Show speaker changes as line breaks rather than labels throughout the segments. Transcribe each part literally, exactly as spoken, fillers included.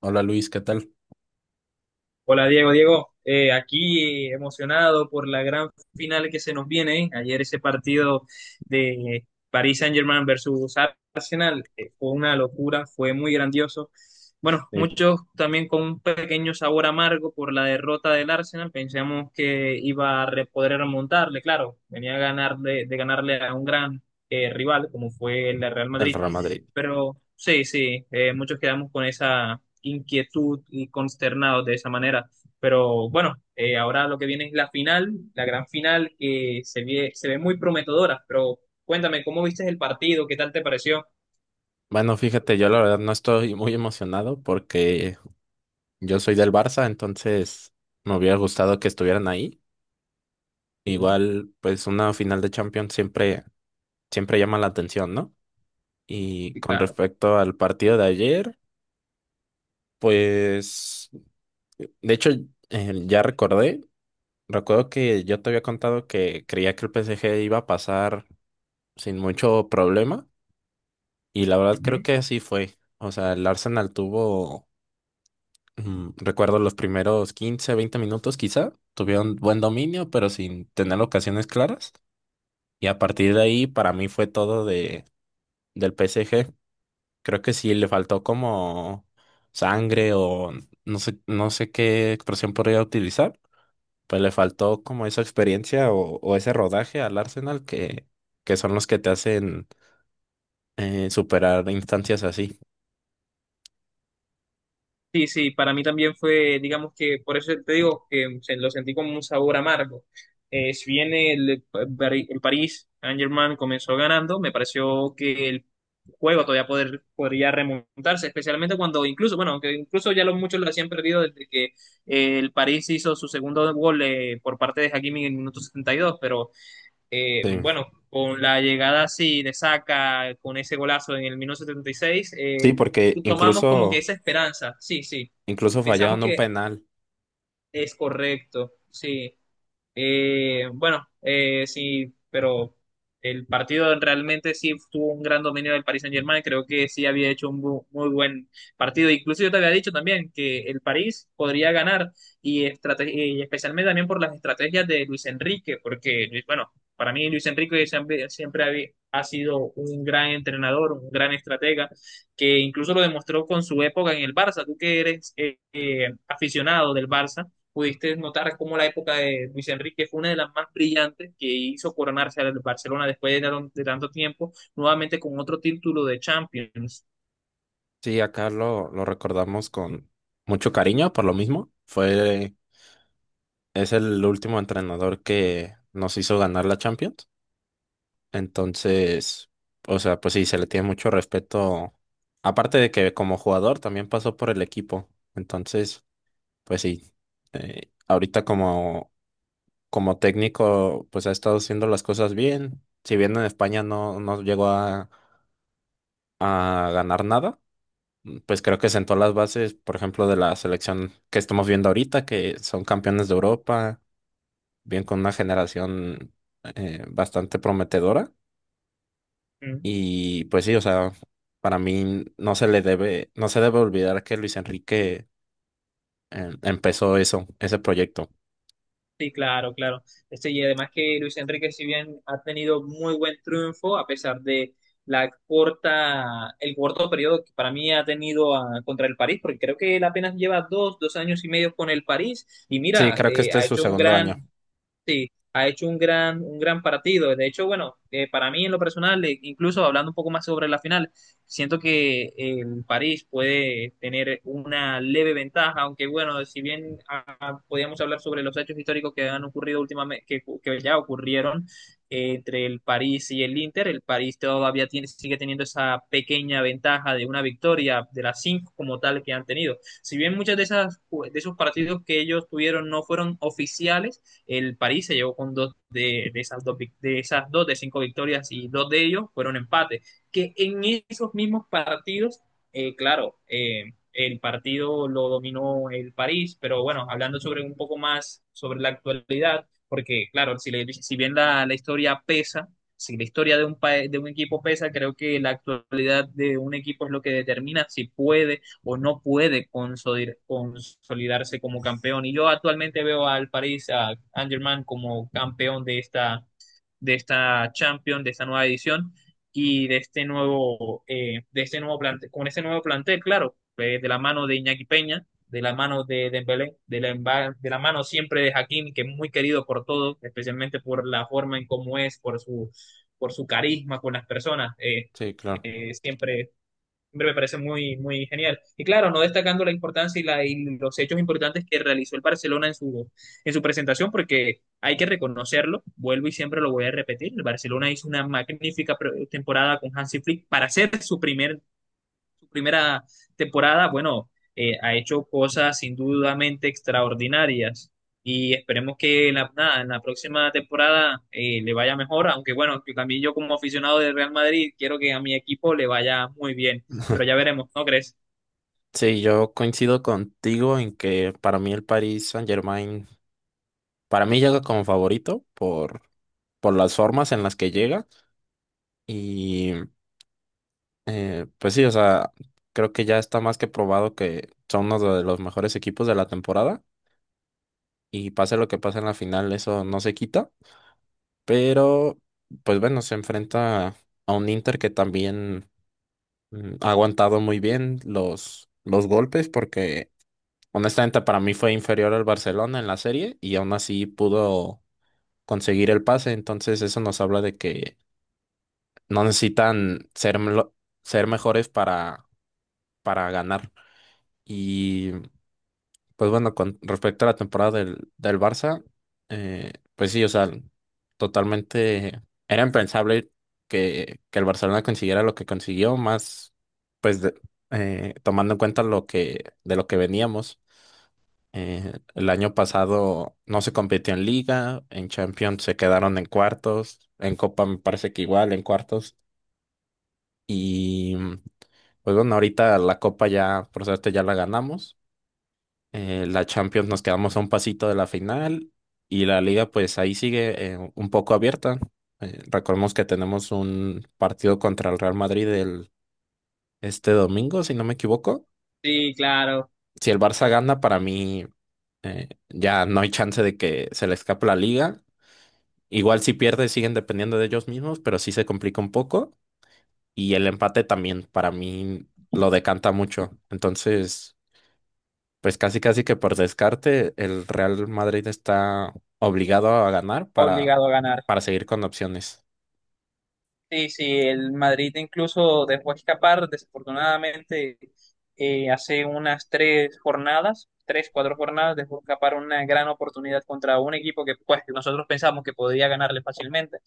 Hola Luis, ¿qué tal?
Hola Diego, Diego, eh, aquí eh, emocionado por la gran final que se nos viene. ¿eh? Ayer ese partido de Paris Saint-Germain versus Arsenal eh, fue una locura, fue muy grandioso. Bueno, muchos también con un pequeño sabor amargo por la derrota del Arsenal. Pensamos que iba a re- poder remontarle, claro, venía a ganar de, de ganarle a un gran eh, rival como fue el Real
El
Madrid,
Real Madrid.
pero sí, sí, eh, muchos quedamos con esa inquietud y consternados de esa manera. Pero bueno, eh, ahora lo que viene es la final, la gran final que se ve, se ve muy prometedora. Pero cuéntame, ¿cómo viste el partido? ¿Qué tal te pareció?
Bueno, fíjate, yo la verdad no estoy muy emocionado porque yo soy del Barça, entonces me hubiera gustado que estuvieran ahí.
Ujú.
Igual, pues una final de Champions siempre, siempre llama la atención, ¿no? Y
Sí,
con
claro.
respecto al partido de ayer, pues, de hecho, eh, ya recordé, recuerdo que yo te había contado que creía que el P S G iba a pasar sin mucho problema y la verdad creo
Ujú.
que así fue. O sea, el Arsenal tuvo. Mm, Recuerdo los primeros quince veinte minutos quizá, tuvieron buen dominio, pero sin tener ocasiones claras. Y a partir de ahí, para mí fue todo de, del P S G. Creo que sí le faltó como sangre o no sé, no sé qué expresión podría utilizar, pues le faltó como esa experiencia o, o ese rodaje al Arsenal que, que son los que te hacen eh, superar instancias así.
Sí, sí, para mí también fue, digamos que, por eso te digo que se- lo sentí como un sabor amargo. Eh, si bien el, el París Saint-Germain comenzó ganando, me pareció que el juego todavía poder, podría remontarse, especialmente cuando incluso, bueno, aunque incluso ya los muchos lo habían perdido desde que eh, el París hizo su segundo gol eh, por parte de Hakimi en el minuto setenta y dos, pero eh,
Sí,
bueno, con la llegada así de Saka con ese golazo en el minuto setenta y seis,
sí, porque
tomamos como que
incluso,
esa esperanza, sí, sí,
incluso
pensamos
fallaron un
que
penal.
es correcto, sí. Eh, bueno, eh, sí, pero el partido realmente sí tuvo un gran dominio del Paris Saint-Germain. Creo que sí había hecho un bu- muy buen partido. Incluso yo te había dicho también que el París podría ganar y, estrate- y especialmente también por las estrategias de Luis Enrique, porque, Luis- bueno, para mí Luis Enrique siempre, siempre había- ha sido un gran entrenador, un gran estratega, que incluso lo demostró con su época en el Barça. Tú que eres eh, eh, aficionado del Barça pudiste notar cómo la época de Luis Enrique fue una de las más brillantes que hizo coronarse al Barcelona después de, tan- de tanto tiempo, nuevamente con otro título de Champions.
Sí, acá lo, lo recordamos con mucho cariño, por lo mismo. Fue, es el último entrenador que nos hizo ganar la Champions. Entonces, o sea, pues sí, se le tiene mucho respeto. Aparte de que como jugador también pasó por el equipo. Entonces, pues sí, eh, ahorita como, como técnico, pues ha estado haciendo las cosas bien. Si bien en España no, no llegó a, a ganar nada, pues creo que sentó las bases, por ejemplo, de la selección que estamos viendo ahorita, que son campeones de Europa, bien con una generación eh, bastante prometedora.
Mm.
Y pues sí, o sea, para mí no se le debe, no se debe olvidar que Luis Enrique eh, empezó eso, ese proyecto.
Sí, claro, claro. Este, y además que Luis Enrique, si bien ha tenido muy buen triunfo, a pesar de la corta, el corto periodo que para mí ha tenido ah, contra el París, porque creo que él apenas lleva dos, dos años y medio con el París, y
Sí,
mira,
creo que
eh,
este
ha
es su
hecho un
segundo año.
gran... Sí, ha hecho un gran, un gran partido. De hecho, bueno, eh, para mí en lo personal, eh, incluso hablando un poco más sobre la final, siento que eh, el París puede tener una leve ventaja, aunque bueno, si bien ah, podíamos hablar sobre los hechos históricos que han ocurrido últimamente, que, que ya ocurrieron eh, entre el París y el Inter, el París todavía tiene, sigue teniendo esa pequeña ventaja de una victoria de las cinco como tal que han tenido. Si bien muchas de esas, de esos partidos que ellos tuvieron no fueron oficiales, el París se llevó con dos de, de esas dos de esas dos de cinco victorias y dos de ellos fueron empates. Que en esos mismos partidos, eh, claro, eh, el partido lo dominó el París, pero bueno, hablando sobre un poco más sobre la actualidad, porque claro, si, le, si bien la, la historia pesa, si la historia de un, pa- de un equipo pesa, creo que la actualidad de un equipo es lo que determina si puede o no puede consolid- consolidarse como campeón. Y yo actualmente veo al París, a Angerman como campeón de esta, de esta Champions, de esta nueva edición y de este nuevo, eh, de este nuevo plantel, con este nuevo plantel, claro, eh, de la mano de Iñaki Peña, de la mano de Dembélé, de la, emba- de la mano siempre de Hakim, que es muy querido por todos, especialmente por la forma en cómo es, por su, por su carisma con las personas. Eh,
Sí, claro.
eh, siempre Hombre, me parece muy, muy genial. Y claro, no destacando la importancia y, la, y los hechos importantes que realizó el Barcelona en su, en su presentación, porque hay que reconocerlo, vuelvo y siempre lo voy a repetir, el Barcelona hizo una magnífica pre- temporada con Hansi Flick para ser su primer su primera temporada, bueno, eh, ha hecho cosas sin dudamente extraordinarias y esperemos que en la, nada, en la próxima temporada eh, le vaya mejor, aunque bueno, que también yo como aficionado del Real Madrid quiero que a mi equipo le vaya muy bien, pero ya veremos, ¿no crees?
Sí, yo coincido contigo en que para mí el Paris Saint-Germain, para mí llega como favorito por, por las formas en las que llega. Y Eh, pues sí, o sea, creo que ya está más que probado que son uno de los mejores equipos de la temporada y pase lo que pase en la final, eso no se quita, pero pues bueno, se enfrenta a un Inter que también mm, ha aguantado muy bien los, los golpes porque honestamente para mí fue inferior al Barcelona en la serie y aún así pudo conseguir el pase, entonces eso nos habla de que no necesitan ser, melo- ser mejores para, para ganar. Y Pues bueno, con respecto a la temporada del, del Barça, eh, pues sí, o sea, totalmente era impensable que, que el Barcelona consiguiera lo que consiguió, más pues de- eh, tomando en cuenta lo que, de lo que veníamos. Eh, el año pasado no se compitió en Liga, en Champions se quedaron en cuartos, en Copa me parece que igual, en cuartos. Y pues bueno, ahorita la Copa ya, por suerte, ya la ganamos. Eh, la Champions nos quedamos a un pasito de la final y la liga pues ahí sigue eh, un poco abierta. Eh, recordemos que tenemos un partido contra el Real Madrid el, este domingo, si no me equivoco.
Sí, claro,
Si el Barça gana, para mí eh, ya no hay chance de que se le escape la liga. Igual si pierde siguen dependiendo de ellos mismos, pero sí se complica un poco. Y el empate también para mí lo decanta mucho. Entonces... Pues casi casi que por descarte el Real Madrid está obligado a ganar para,
obligado a ganar.
para seguir con opciones.
Sí, sí, el Madrid incluso dejó escapar, desafortunadamente, eh, hace unas tres jornadas, tres, cuatro jornadas, dejó escapar una gran oportunidad contra un equipo que pues nosotros pensamos que podía ganarle fácilmente.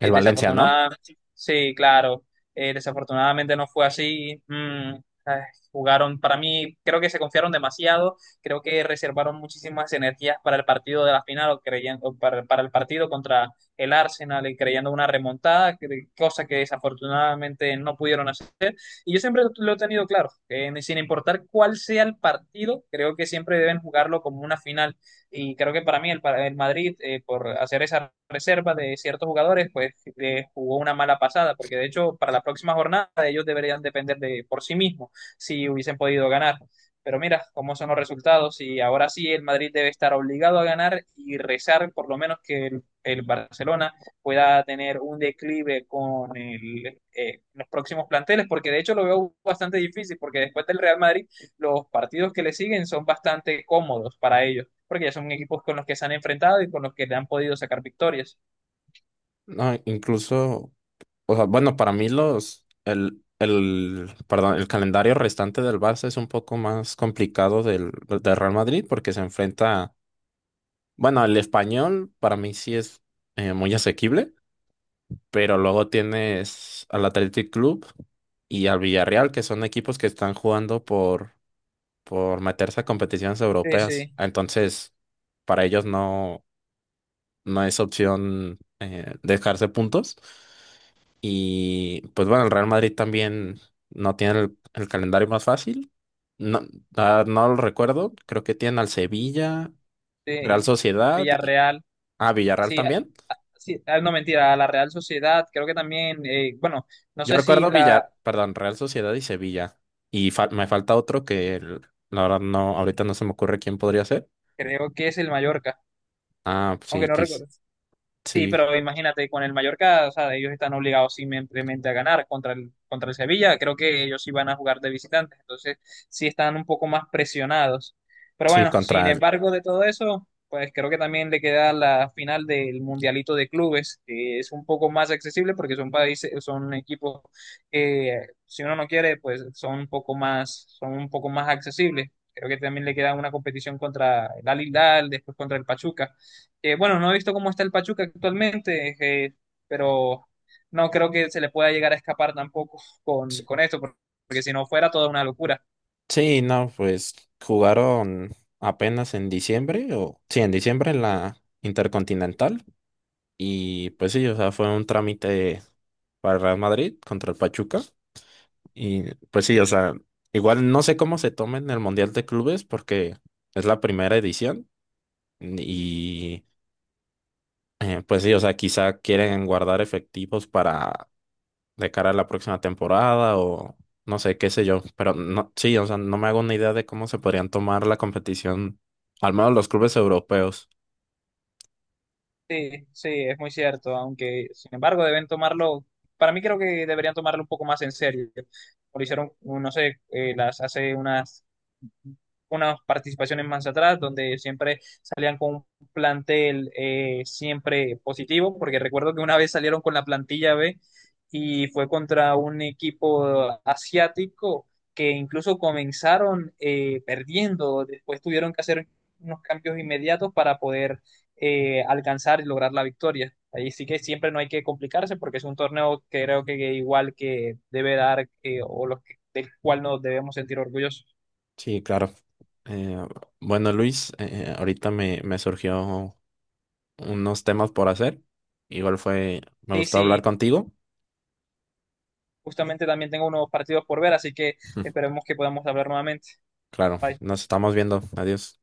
El Valencia, ¿no?
Desafortunadamente, sí, claro, eh, desafortunadamente no fue así. Mm, ay, jugaron, para mí, creo que se confiaron demasiado, creo que reservaron muchísimas energías para el partido de la final o creían, o para, para el partido contra el Arsenal y creyendo una remontada, que- cosa que desafortunadamente no pudieron hacer. Y yo siempre lo he tenido claro, que ni- sin importar cuál sea el partido, creo que siempre deben jugarlo como una final. Y creo que para mí el, pa- el Madrid, eh, por hacer esa reserva de ciertos jugadores, pues eh, jugó una mala pasada, porque de hecho para la próxima jornada ellos deberían depender de por sí mismos si hubiesen podido ganar. Pero mira cómo son los resultados y ahora sí el Madrid debe estar obligado a ganar y rezar por lo menos que el Barcelona pueda tener un declive con el, eh, los próximos planteles, porque de hecho lo veo bastante difícil, porque después del Real Madrid los partidos que le siguen son bastante cómodos para ellos, porque ya son equipos con los que se han enfrentado y con los que le han podido sacar victorias.
No, incluso, o sea, bueno, para mí los el, el perdón, el calendario restante del Barça es un poco más complicado del, del Real Madrid porque se enfrenta, bueno, el Español para mí sí es eh, muy asequible, pero luego tienes al Athletic Club y al Villarreal, que son equipos que están jugando por por meterse a competiciones
Sí,
europeas.
sí,
Entonces, para ellos no, no es opción eh, dejarse puntos. Y pues bueno, el Real Madrid también no tiene el, el calendario más fácil. No, ah, no lo recuerdo. Creo que tienen al Sevilla, Real
sí, a
Sociedad y
Villarreal,
ah, Villarreal
así, a-
también.
a- sí, ah, no mentira, a la Real Sociedad, creo que también, eh, bueno, no
Yo
sé si
recuerdo
la,
Villar, perdón, Real Sociedad y Sevilla. Y fal- me falta otro que el- la verdad no, ahorita no se me ocurre quién podría ser.
creo que es el Mallorca,
Ah, sí,
aunque no
quis-
recuerdo. Sí,
sí,
pero imagínate, con el Mallorca, o sea, ellos están obligados simplemente a ganar contra el, contra el Sevilla. Creo que ellos sí van a jugar de visitantes, entonces sí están un poco más presionados. Pero
sí,
bueno, sin
contra el,
embargo de todo eso, pues creo que también le queda la final del Mundialito de Clubes, que es un poco más accesible porque son países, son equipos que si uno no quiere, pues son un poco más, son un poco más accesibles. Creo que también le queda una competición contra el Al Hilal, después contra el Pachuca. Eh, bueno, no he visto cómo está el Pachuca actualmente, eh, pero no creo que se le pueda llegar a escapar tampoco con, con esto, por- porque si no fuera toda una locura.
Sí, no, pues jugaron apenas en diciembre, o sí, en diciembre en la Intercontinental. Y pues sí, o sea, fue un trámite para Real Madrid contra el Pachuca. Y pues sí, o sea, igual no sé cómo se tomen el Mundial de Clubes porque es la primera edición. Y eh, pues sí, o sea, quizá quieren guardar efectivos para de cara a la próxima temporada o no sé, qué sé yo. Pero no, sí, o sea, no me hago una idea de cómo se podrían tomar la competición, al menos los clubes europeos.
Sí, sí, es muy cierto, aunque sin embargo deben tomarlo, para mí creo que deberían tomarlo un poco más en serio. Lo hicieron, no sé, eh, las, hace unas unas participaciones más atrás, donde siempre salían con un plantel eh, siempre positivo, porque recuerdo que una vez salieron con la plantilla B y fue contra un equipo asiático que incluso comenzaron eh, perdiendo, después tuvieron que hacer unos cambios inmediatos para poder eh, alcanzar y lograr la victoria. Ahí sí que siempre no hay que complicarse porque es un torneo que creo que igual que debe dar eh, o los que, del cual nos debemos sentir orgullosos.
Sí, claro. Eh, bueno, Luis, eh, ahorita me, me surgió unos temas por hacer. Igual fue, me
Sí,
gustó
sí,
hablar contigo.
justamente también tengo unos partidos por ver, así que esperemos que podamos hablar nuevamente.
Claro,
Bye.
nos estamos viendo. Adiós.